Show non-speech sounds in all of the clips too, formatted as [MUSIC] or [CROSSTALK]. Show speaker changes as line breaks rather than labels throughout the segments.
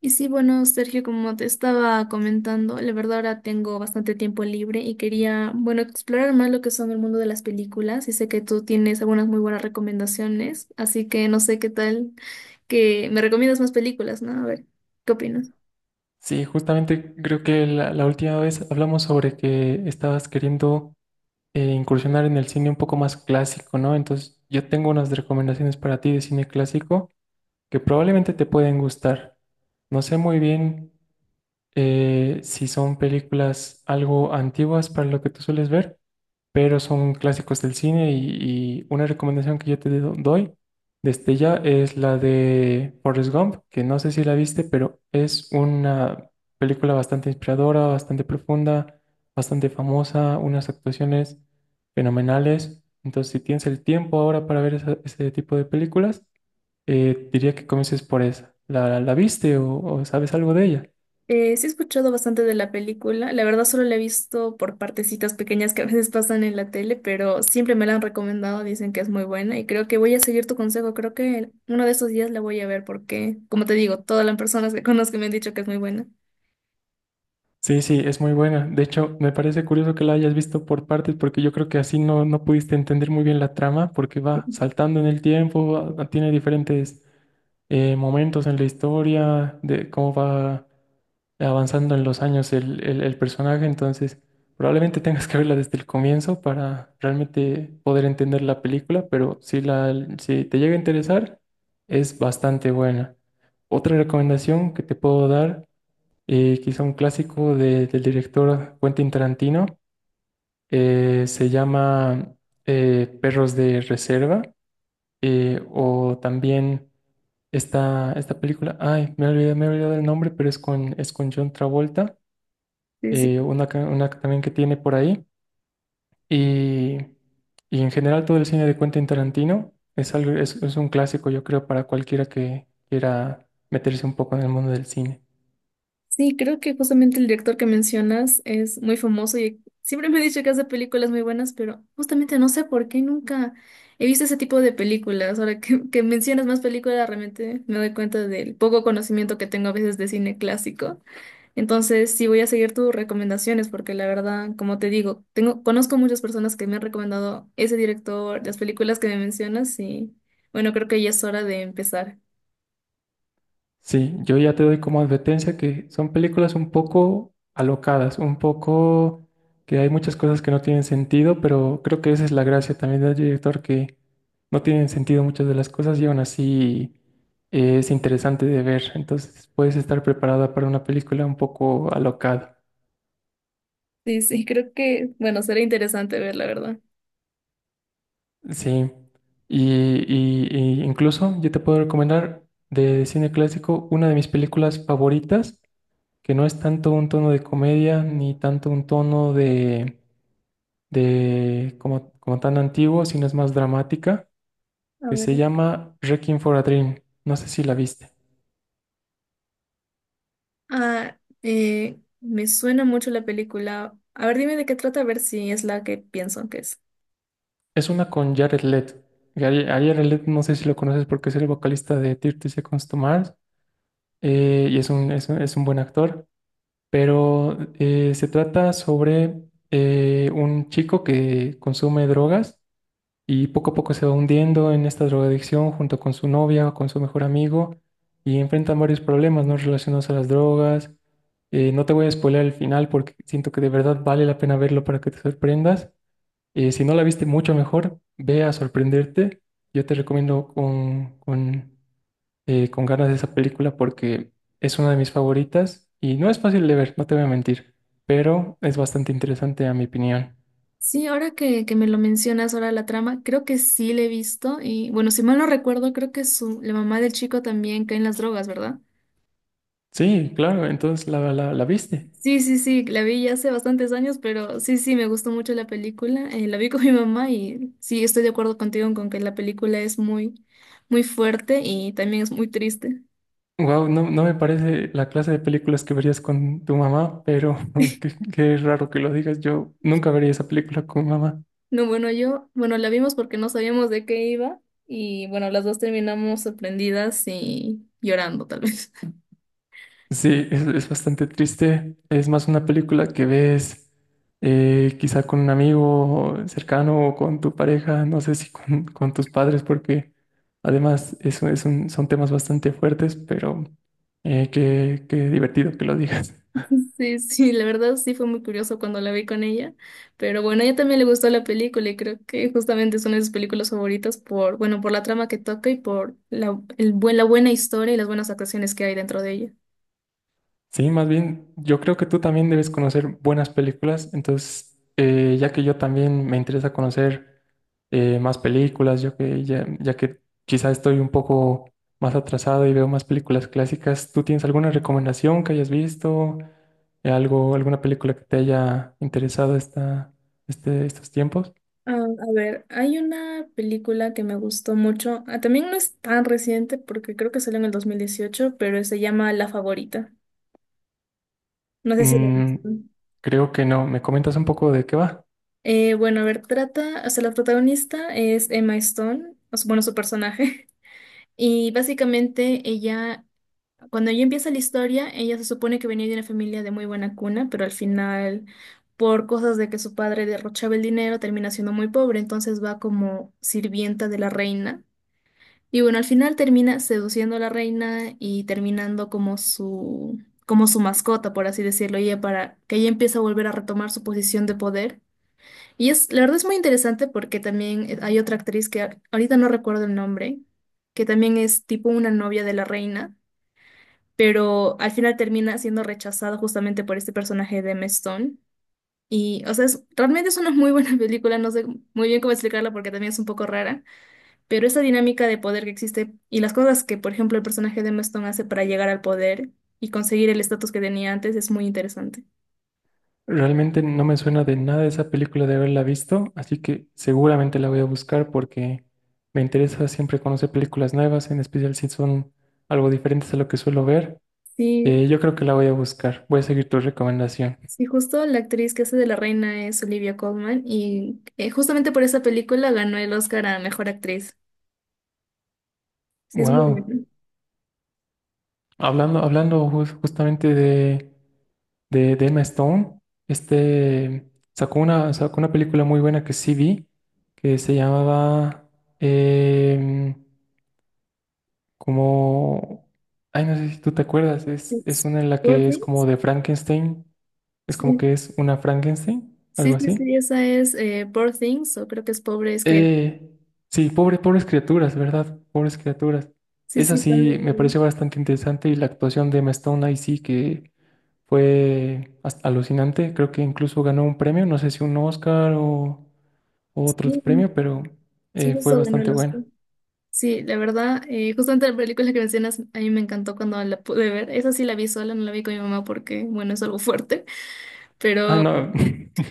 Y sí, bueno, Sergio, como te estaba comentando, la verdad ahora tengo bastante tiempo libre y quería, bueno, explorar más lo que son el mundo de las películas y sé que tú tienes algunas muy buenas recomendaciones, así que no sé qué tal que me recomiendas más películas, ¿no? A ver, ¿qué opinas?
Sí, justamente creo que la última vez hablamos sobre que estabas queriendo incursionar en el cine un poco más clásico, ¿no? Entonces yo tengo unas recomendaciones para ti de cine clásico que probablemente te pueden gustar. No sé muy bien sí son películas algo antiguas para lo que tú sueles ver, pero son clásicos del cine y una recomendación que yo doy desde ya es la de Forrest Gump, que no sé si la viste, pero es una película bastante inspiradora, bastante profunda, bastante famosa, unas actuaciones fenomenales. Entonces, si tienes el tiempo ahora para ver ese tipo de películas, diría que comiences por esa. ¿La viste o sabes algo de ella?
Sí he escuchado bastante de la película, la verdad solo la he visto por partecitas pequeñas que a veces pasan en la tele, pero siempre me la han recomendado, dicen que es muy buena y creo que voy a seguir tu consejo, creo que uno de estos días la voy a ver porque, como te digo, todas las personas que [LAUGHS] conozco me han dicho que es muy buena.
Sí, sí, es muy buena. De hecho, me parece curioso que la hayas visto por partes, porque yo creo que así no, no pudiste entender muy bien la trama, porque va saltando en el tiempo, tiene diferentes momentos en la historia, de cómo va avanzando en los años el personaje. Entonces, probablemente tengas que verla desde el comienzo para realmente poder entender la película, pero si, la, si te llega a interesar, es bastante buena. Otra recomendación que te puedo dar quizá un clásico del director Quentin Tarantino. Se llama Perros de Reserva o también esta película, ay, me olvidé, me he olvidado el nombre, pero es con John Travolta,
Sí, sí.
una, una también que tiene por ahí. Y, y en general todo el cine de Quentin Tarantino es algo, es un clásico, yo creo, para cualquiera que quiera meterse un poco en el mundo del cine.
Sí, creo que justamente el director que mencionas es muy famoso y siempre me ha dicho que hace películas muy buenas, pero justamente no sé por qué nunca he visto ese tipo de películas. Ahora que mencionas más películas, realmente me doy cuenta del poco conocimiento que tengo a veces de cine clásico. Entonces, sí voy a seguir tus recomendaciones porque la verdad, como te digo, tengo, conozco muchas personas que me han recomendado ese director, las películas que me mencionas y bueno, creo que ya es hora de empezar.
Sí, yo ya te doy como advertencia que son películas un poco alocadas, un poco que hay muchas cosas que no tienen sentido, pero creo que esa es la gracia también del director, que no tienen sentido muchas de las cosas y aún así es interesante de ver. Entonces puedes estar preparada para una película un poco alocada.
Sí, sí, creo que, bueno, será interesante ver, la verdad.
Sí, y, y- y incluso yo te puedo recomendar de cine clásico una de mis películas favoritas, que no es tanto un tono de comedia ni tanto un tono de como, como tan antiguo, sino es más dramática,
A
que
ver.
se llama Requiem for a Dream. No sé si la viste.
Ah, me suena mucho la película. A ver, dime de qué trata, a ver si es la que pienso que es.
Es una con Jared Leto. A Jared Leto no sé si lo conoces porque es el vocalista de 30 Seconds to Mars, y es un, es un buen actor, pero se trata sobre un chico que consume drogas y poco a poco se va hundiendo en esta drogadicción junto con su novia, con su mejor amigo, y enfrentan varios problemas, ¿no?, relacionados a las drogas. No te voy a spoiler el final porque siento que de verdad vale la pena verlo para que te sorprendas. Si no la viste mucho mejor, ve a sorprenderte. Yo te recomiendo con ganas de esa película porque es una de mis favoritas y no es fácil de ver, no te voy a mentir, pero es bastante interesante a mi opinión.
Sí, ahora que me lo mencionas, ahora la trama, creo que sí la he visto. Y bueno, si mal no recuerdo, creo que su, la mamá del chico también cae en las drogas, ¿verdad?
Sí, claro, entonces la, la viste.
Sí, sí, sí, la vi ya hace bastantes años, pero sí, sí, me gustó mucho la película. La vi con [LAUGHS] mi mamá y sí, estoy de acuerdo contigo con que la película es muy, muy fuerte y también es muy triste.
Wow, no, no me parece la clase de películas que verías con tu mamá, pero [LAUGHS] qué, qué raro que lo digas. Yo nunca vería esa película con mamá.
No, bueno, yo, bueno, la vimos porque no sabíamos de qué iba y bueno, las dos terminamos sorprendidas y llorando tal vez. [LAUGHS]
Sí, es bastante triste. Es más una película que ves quizá con un amigo cercano o con tu pareja, no sé si con, con tus padres, porque además eso son temas bastante fuertes, pero qué, qué divertido que lo digas.
Sí, sí, la verdad sí fue muy curioso cuando la vi con ella, pero bueno, a ella también le gustó la película y creo que justamente es una de sus películas favoritas por, bueno, por la trama que toca y por la, el buen, la buena historia y las buenas actuaciones que hay dentro de ella.
Sí, más bien, yo creo que tú también debes conocer buenas películas, entonces, ya que yo también me interesa conocer más películas, yo que ya, ya que quizá estoy un poco más atrasado y veo más películas clásicas, ¿tú tienes alguna recomendación que hayas visto? Algo, alguna película que te haya interesado esta, este, ¿estos tiempos?
Ah, a ver, hay una película que me gustó mucho, ah, también no es tan reciente porque creo que salió en el 2018, pero se llama La Favorita. No sé si la has
Mm,
visto.
creo que no. ¿Me comentas un poco de qué va?
Bueno, a ver, trata, o sea, la protagonista es Emma Stone, o su- bueno, su personaje. [LAUGHS] Y básicamente ella, cuando ella empieza la historia, ella se supone que venía de una familia de muy buena cuna, pero al final, por cosas de que su padre derrochaba el dinero, termina siendo muy pobre, entonces va como sirvienta de la reina. Y bueno, al final termina seduciendo a la reina y terminando como su mascota, por así decirlo, y ella para que ella empieza a volver a retomar su posición de poder. Y es, la verdad es muy interesante porque también hay otra actriz que a- ahorita no recuerdo el nombre, que también es tipo una novia de la reina, pero al final termina siendo rechazada justamente por este personaje de Emma Stone. Y, o sea, es- realmente es una muy buena [LAUGHS] película, no sé muy bien cómo explicarla porque también es un poco rara, pero esa dinámica de poder que existe y las cosas que, por ejemplo, el personaje de Emma Stone hace para llegar al poder y conseguir el estatus que tenía antes es muy interesante.
Realmente no me suena de nada esa película de haberla visto, así que seguramente la voy a buscar porque me interesa siempre conocer películas nuevas, en especial si son algo diferentes a lo que suelo ver.
Sí.
Yo creo que la voy a buscar. Voy a seguir tu recomendación.
Sí, justo la actriz que hace de la reina es Olivia Colman y justamente por esa película ganó el Oscar a Mejor Actriz. Sí, es muy
Wow.
bueno.
Hablando, hablando justamente de Emma Stone, este sacó una película muy buena que sí vi, que se llamaba em, como, ay, no sé si tú te acuerdas, es
Es
una en la
Poor
que es
Things.
como de Frankenstein, es como que
Sí,
es una Frankenstein, algo así.
sí, esa es Poor Things o creo que es Pobre Escrita.
Eh, sí, pobre, pobres criaturas, ¿verdad? Pobres criaturas.
Sí,
Esa
sí,
sí me
también.
pareció bastante interesante y la actuación de Emma Stone ahí sí que fue alucinante, creo que incluso ganó un premio, no sé si un Oscar o otro
Sí,
premio, pero
sí,
fue
justo ganó
bastante
el Oscar.
buena.
Sí, la verdad, justamente la película que mencionas a mí me encantó cuando la pude ver. Esa sí la vi sola, no la vi con mi mamá porque, bueno, es algo fuerte,
Ah,
pero...
no. [LAUGHS]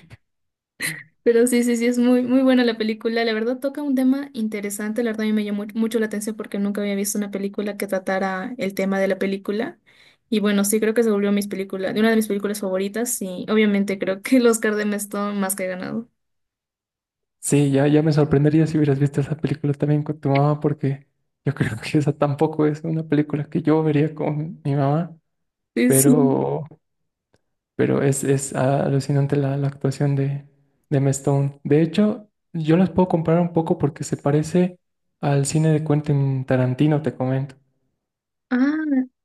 Pero sí, sí, sí, es muy, muy buena la película. La verdad toca un tema interesante. La verdad a mí me llamó mucho la atención porque nunca había visto una película que tratara el tema de la película. Y bueno, sí, creo que se volvió mis películas, de una de mis películas favoritas. Y obviamente creo que el Oscar de Mestón más que ganado.
Sí, ya, ya me sorprendería si hubieras visto esa película también con tu mamá, porque yo [LAUGHS] creo que esa tampoco es una película que yo vería con mi mamá,
Sí, sí.
pero, pero es alucinante la actuación de Emma Stone. De hecho, yo las puedo comparar un poco porque se parece al cine de Quentin Tarantino, te comento.
Ah,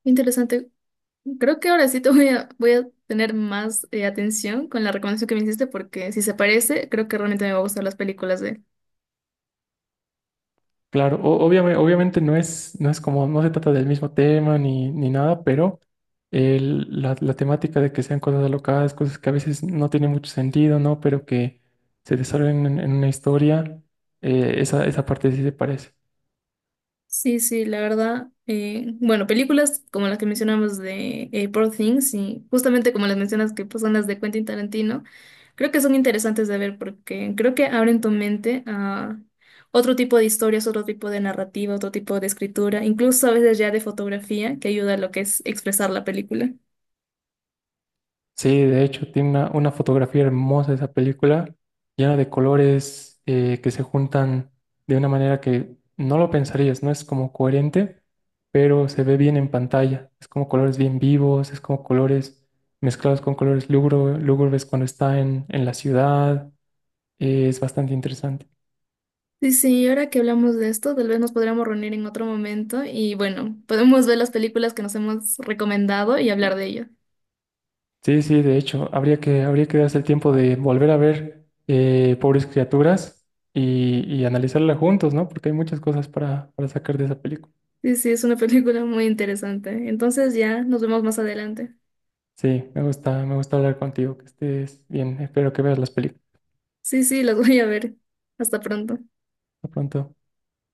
interesante. Creo que ahora sí te voy a, voy a tener más atención con la recomendación que me hiciste porque si se parece, creo que realmente me va a gustar las películas de él.
Claro, obviamente, obviamente no es, no es como, no se trata del mismo tema ni, ni nada, pero la, la temática de que sean cosas alocadas, cosas que a veces no tienen mucho sentido, ¿no?, pero que se desarrollan en una historia, esa, esa parte sí se parece.
Sí, sí, la verdad. Bueno, películas como las que mencionamos de Poor Things y justamente como las mencionas que pues, son las de Quentin Tarantino, creo que son interesantes de ver porque creo que abren tu mente a otro tipo de historias, otro tipo de narrativa, otro tipo de escritura, incluso a veces ya de fotografía que ayuda a lo que es expresar la película.
Sí, de hecho, tiene una fotografía hermosa esa película, llena de colores que se juntan de una manera que no lo pensarías, no es como coherente, pero se ve bien en pantalla. Es como colores bien vivos, es como colores mezclados con colores lúgubres cuando está en la ciudad. Eh, es bastante interesante.
Sí, sí, y ahora que hablamos de esto, tal vez nos podríamos reunir en otro momento y bueno, podemos ver las películas que nos hemos recomendado y hablar de ello.
Sí, sí, de hecho, habría que darse el tiempo de volver a ver Pobres Criaturas y analizarla juntos, ¿no? Porque hay muchas cosas para sacar de esa película.
Sí, sí, es una [LAUGHS] película muy interesante. Entonces ya nos vemos más adelante.
Sí, me gusta hablar contigo, que estés bien. Espero que veas las películas
Sí, sí, las voy a ver. Hasta pronto.
pronto.